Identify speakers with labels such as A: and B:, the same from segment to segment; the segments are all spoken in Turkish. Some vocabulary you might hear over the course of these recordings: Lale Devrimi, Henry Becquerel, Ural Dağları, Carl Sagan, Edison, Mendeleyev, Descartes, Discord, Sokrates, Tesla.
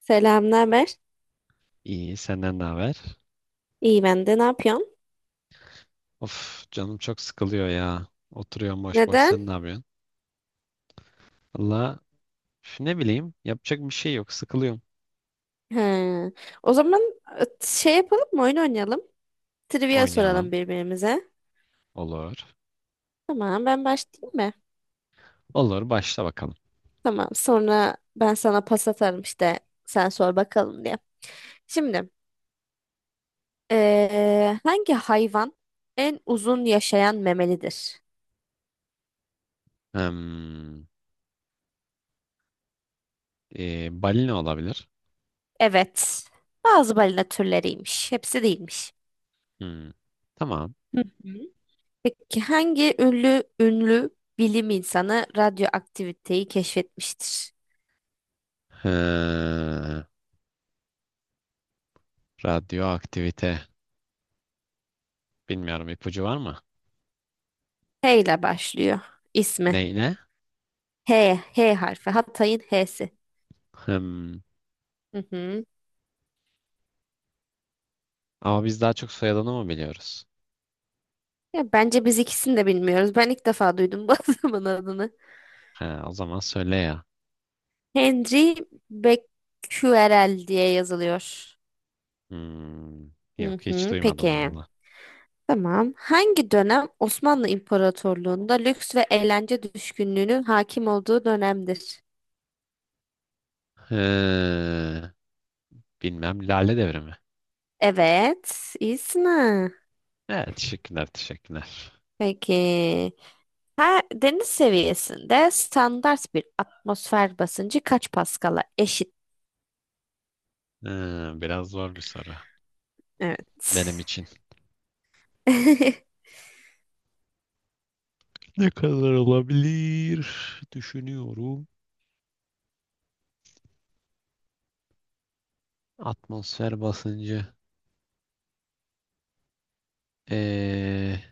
A: Selam, ne haber?
B: İyi, senden ne haber?
A: İyi ben de. Ne yapıyorsun?
B: Of, canım çok sıkılıyor ya. Oturuyorum boş boş.
A: Neden?
B: Sen ne yapıyorsun? Valla ne bileyim, yapacak bir şey yok. Sıkılıyorum.
A: He. O zaman şey yapalım mı? Oyun oynayalım. Trivia
B: Oynayalım.
A: soralım birbirimize.
B: Olur.
A: Tamam, ben başlayayım mı?
B: Olur, başla bakalım.
A: Tamam, sonra ben sana pas atarım işte. Sen sor bakalım diye. Şimdi, hangi hayvan en uzun yaşayan memelidir?
B: Hmm, balina olabilir.
A: Evet, bazı balina türleriymiş. Hepsi değilmiş.
B: Hmm, tamam.
A: Hı hı. Peki hangi ünlü bilim insanı radyoaktiviteyi keşfetmiştir?
B: Ee, radyoaktivite. Bilmiyorum, ipucu var mı?
A: H ile başlıyor ismi.
B: Ne ne?
A: H, H harfi. Hatay'ın H'si.
B: Hmm,
A: Hı hı.
B: ama biz daha çok soyadını mı biliyoruz?
A: Ya bence biz ikisini de bilmiyoruz. Ben ilk defa duydum bu adamın adını.
B: Ha, o zaman söyle ya.
A: Henry Becquerel diye yazılıyor.
B: Hmm,
A: Hı
B: yok, hiç
A: hı.
B: duymadım
A: Peki.
B: valla.
A: Tamam. Hangi dönem Osmanlı İmparatorluğu'nda lüks ve eğlence düşkünlüğünün hakim olduğu dönemdir?
B: He. Bilmem, Lale Devrimi.
A: Evet. İyisin.
B: Evet, teşekkürler, teşekkürler.
A: Peki. Her deniz seviyesinde standart bir atmosfer basıncı kaç paskala eşit?
B: Ha, biraz zor bir soru. Benim
A: Evet.
B: için. Ne kadar olabilir? Düşünüyorum. Atmosfer basıncı. Ee,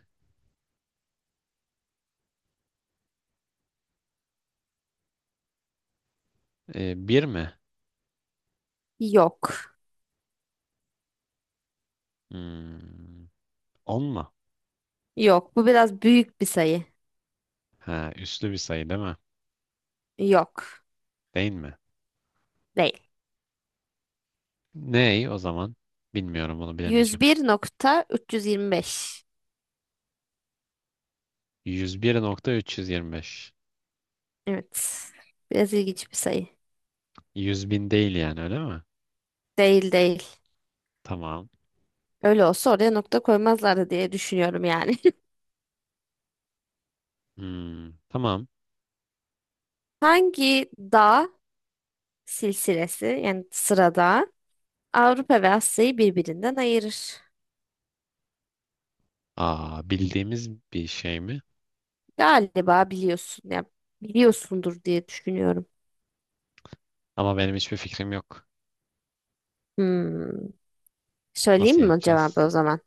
B: bir mi?
A: Yok.
B: Hmm, on mu?
A: Yok. Bu biraz büyük bir sayı.
B: Ha, üslü bir sayı değil mi?
A: Yok.
B: Değil mi?
A: Değil.
B: Ney o zaman? Bilmiyorum, onu
A: Yüz yüz
B: bilemeyeceğim.
A: bir nokta üç yüz yirmi beş.
B: 101.325.
A: Evet. Biraz ilginç bir sayı.
B: 100 bin değil yani, öyle mi?
A: Değil değil.
B: Tamam.
A: Öyle olsa oraya nokta koymazlardı diye düşünüyorum yani.
B: Hmm, tamam.
A: Hangi dağ silsilesi yani sırada Avrupa ve Asya'yı birbirinden ayırır?
B: Aa, bildiğimiz bir şey mi?
A: Galiba biliyorsun ya, biliyorsundur diye düşünüyorum.
B: Ama benim hiçbir fikrim yok.
A: Hmm.
B: Nasıl
A: Söyleyeyim mi cevabı
B: yapacağız?
A: o zaman?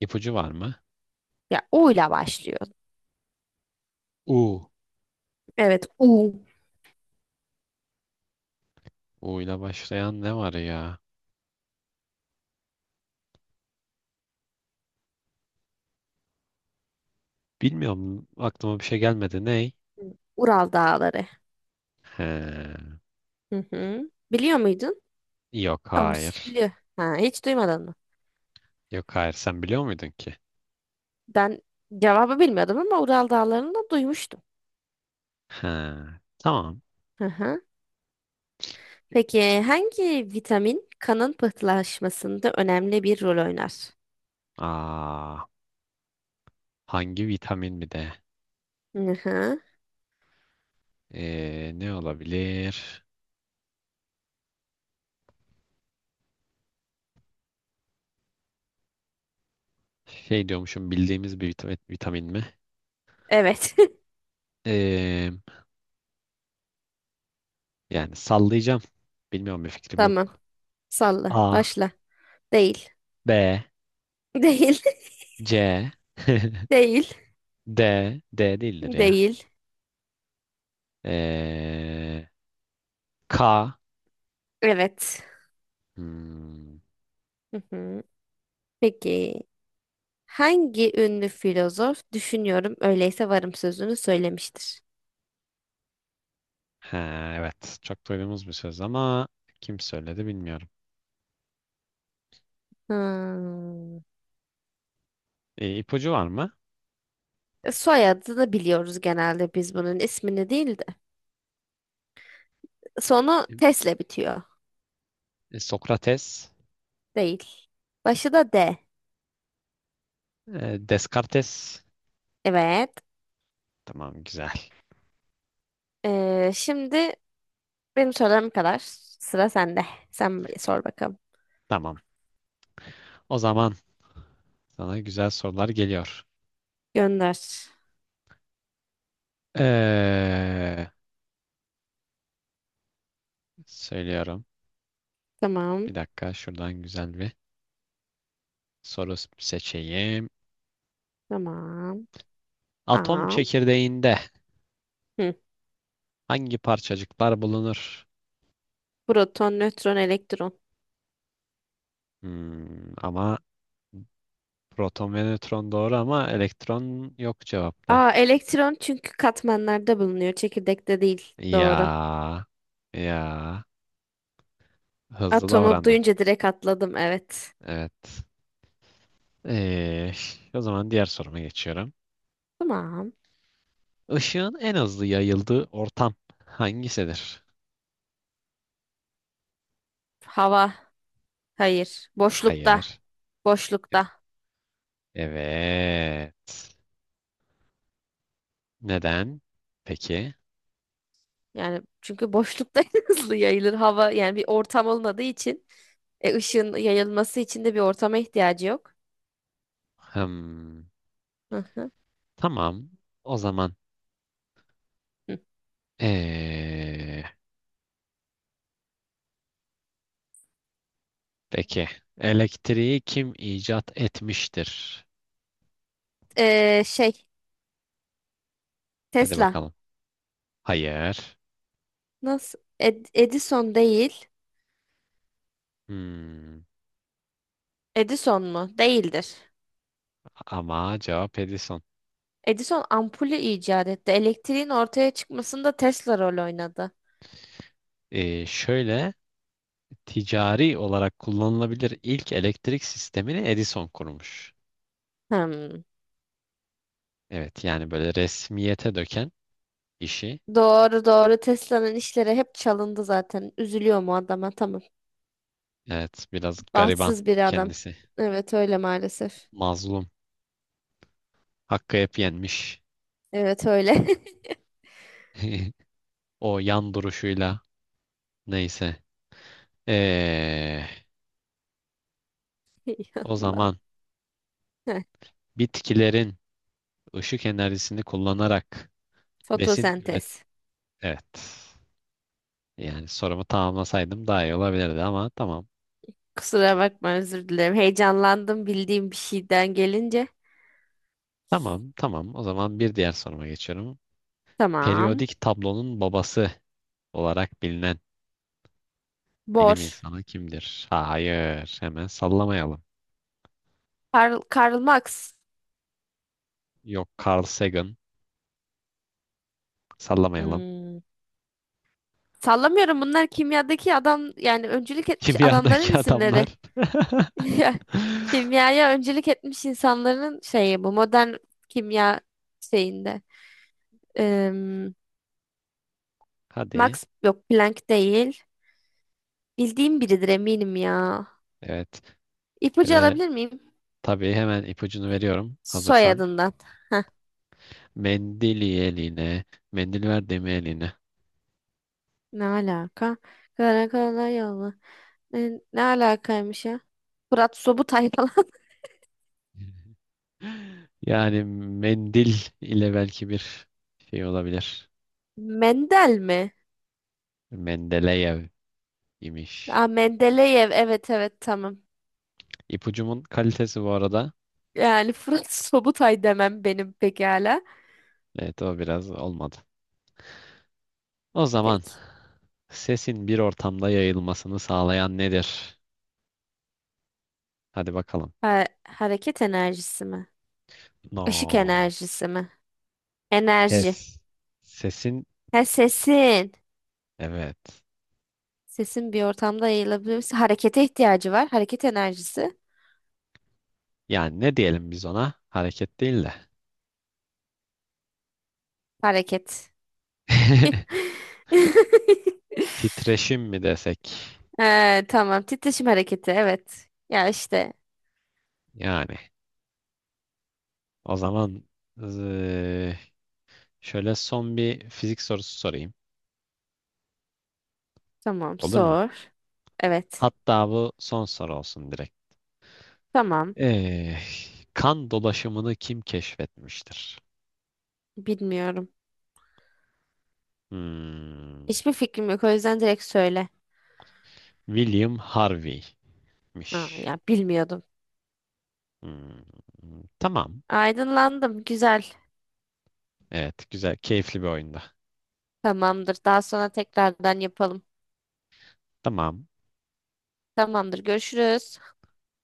B: İpucu var mı?
A: Ya O ile başlıyor.
B: U.
A: Evet, U.
B: U ile başlayan ne var ya? Bilmiyorum. Aklıma bir şey gelmedi. Ney?
A: Ural Dağları.
B: He.
A: Hı hı. Biliyor muydun?
B: Yok,
A: Tamız.
B: hayır.
A: Biliyor. Ha, hiç duymadın mı?
B: Yok, hayır. Sen biliyor muydun ki?
A: Ben cevabı bilmiyordum ama Ural Dağları'nı da duymuştum.
B: He. Tamam.
A: Hı hı. Peki hangi vitamin kanın pıhtılaşmasında önemli bir rol oynar?
B: Aa, hangi vitamin bir de?
A: Hı hı.
B: Ne olabilir? Şey diyormuşum, bildiğimiz bir vitamin, vitamin mi?
A: Evet.
B: Ee, yani sallayacağım. Bilmiyorum, bir fikrim
A: Tamam.
B: yok.
A: Salla.
B: A,
A: Başla. Değil.
B: B,
A: Değil.
B: C.
A: Değil.
B: D. D değildir ya.
A: Değil.
B: Ee, K.
A: Evet.
B: Hmm.
A: Hı hı. Peki hangi ünlü filozof düşünüyorum öyleyse varım sözünü söylemiştir?
B: Ha, evet. Çok duyduğumuz bir söz ama kim söyledi bilmiyorum.
A: Hmm.
B: İpucu var mı?
A: Soyadını biliyoruz genelde biz bunun ismini değil de. Sonu tesle bitiyor.
B: E, Sokrates.
A: Değil. Başı da D.
B: E, Descartes.
A: Evet.
B: Tamam, güzel.
A: Şimdi benim sorularım kadar. Sıra sende. Sen bir sor bakalım.
B: Tamam. O zaman sana güzel sorular geliyor.
A: Gönder.
B: Ee, söylüyorum.
A: Tamam.
B: Bir dakika, şuradan güzel bir soru seçeyim.
A: Tamam.
B: Atom
A: Tamam.
B: çekirdeğinde
A: Hı.
B: hangi parçacıklar bulunur?
A: Proton, nötron, elektron.
B: Hmm, ama proton ve nötron doğru, ama elektron yok cevapta.
A: Aa, elektron çünkü katmanlarda bulunuyor. Çekirdekte değil. Doğru.
B: Ya ya, hızlı
A: Atomu
B: davrandın.
A: duyunca direkt atladım. Evet.
B: Evet. Ee, o zaman diğer soruma geçiyorum.
A: Tamam.
B: Işığın en hızlı yayıldığı ortam hangisidir?
A: Hava. Hayır. Boşlukta.
B: Hayır. E-
A: Boşlukta.
B: Evet. Neden? Peki.
A: Yani çünkü boşlukta hızlı yayılır hava. Yani bir ortam olmadığı için ışığın yayılması için de bir ortama ihtiyacı yok.
B: Hmm,
A: Hı hı.
B: tamam. O zaman
A: Hı.
B: ee, peki. Elektriği kim icat etmiştir?
A: Şey
B: Hadi
A: Tesla.
B: bakalım. Hayır.
A: Nasıl? Edison değil.
B: Hmm.
A: Edison mu? Değildir.
B: Ama cevap Edison.
A: Edison ampulü icat etti. Elektriğin ortaya çıkmasında Tesla rol oynadı.
B: Şöyle, ticari olarak kullanılabilir ilk elektrik sistemini Edison kurmuş.
A: Hmm.
B: Evet, yani böyle resmiyete döken işi.
A: Doğru doğru Tesla'nın işleri hep çalındı zaten. Üzülüyor mu adama? Tamam.
B: Evet, biraz gariban
A: Bahtsız bir adam.
B: kendisi.
A: Evet öyle maalesef.
B: Mazlum. Hakkı hep yenmiş.
A: Evet öyle.
B: O yan duruşuyla, neyse. Ee,
A: Ey
B: o
A: Allah.
B: zaman
A: Heh,
B: bitkilerin ışık enerjisini kullanarak besin üret...
A: fotosentez.
B: Evet. Yani sorumu tamamlasaydım daha iyi olabilirdi ama tamam.
A: Kusura bakma özür dilerim. Heyecanlandım bildiğim bir şeyden gelince.
B: Tamam, tamam. O zaman bir diğer soruma geçiyorum.
A: Tamam.
B: Periyodik tablonun babası olarak bilinen
A: Bor.
B: bilim insanı kimdir? Hayır, hemen sallamayalım.
A: Karl Marx.
B: Yok, Carl Sagan, sallamayalım.
A: Hmm. Sallamıyorum bunlar kimyadaki adam yani öncülük etmiş adamların
B: Kimyadaki
A: isimleri.
B: adamlar.
A: Ya, kimyaya öncülük etmiş insanların şeyi bu modern kimya şeyinde. Em,
B: Hadi,
A: Max yok Planck değil. Bildiğim biridir eminim ya.
B: evet.
A: İpucu
B: Şöyle,
A: alabilir miyim?
B: tabii hemen ipucunu veriyorum. Hazırsan.
A: Soyadından.
B: Mendili eline, mendil ver deme eline.
A: Ne alaka? Karakala yolu. Ne alakaymış ya? Fırat Sobutay falan.
B: Yani mendil ile belki bir şey olabilir.
A: Mendel mi?
B: Mendeleyev. İmiş.
A: Aa, Mendeleyev. Evet evet tamam.
B: İpucumun kalitesi bu arada.
A: Yani Fırat Sobutay demem benim pekala.
B: Evet, o biraz olmadı. O zaman
A: Peki.
B: sesin bir ortamda yayılmasını sağlayan nedir? Hadi bakalım.
A: Hareket enerjisi mi? Işık
B: No.
A: enerjisi mi? Enerji.
B: Ses. Sesin,
A: Ha, sesin.
B: evet.
A: Sesin bir ortamda yayılabilir. Harekete ihtiyacı var. Hareket enerjisi.
B: Yani ne diyelim biz ona? Hareket değil de.
A: Hareket.
B: Titreşim mi desek?
A: Tamam. Titreşim hareketi. Evet. Ya işte.
B: Yani, o zaman eee, şöyle son bir fizik sorusu sorayım.
A: Tamam.
B: Olur mu?
A: Sor. Evet.
B: Hatta bu son soru olsun direkt.
A: Tamam.
B: Eh, kan dolaşımını kim keşfetmiştir?
A: Bilmiyorum.
B: Hmm,
A: Hiçbir fikrim yok. O yüzden direkt söyle.
B: William Harvey'miş.
A: Ha, ya bilmiyordum.
B: Hmm, tamam.
A: Aydınlandım. Güzel.
B: Evet, güzel, keyifli bir oyunda.
A: Tamamdır. Daha sonra tekrardan yapalım.
B: Tamam.
A: Tamamdır. Görüşürüz.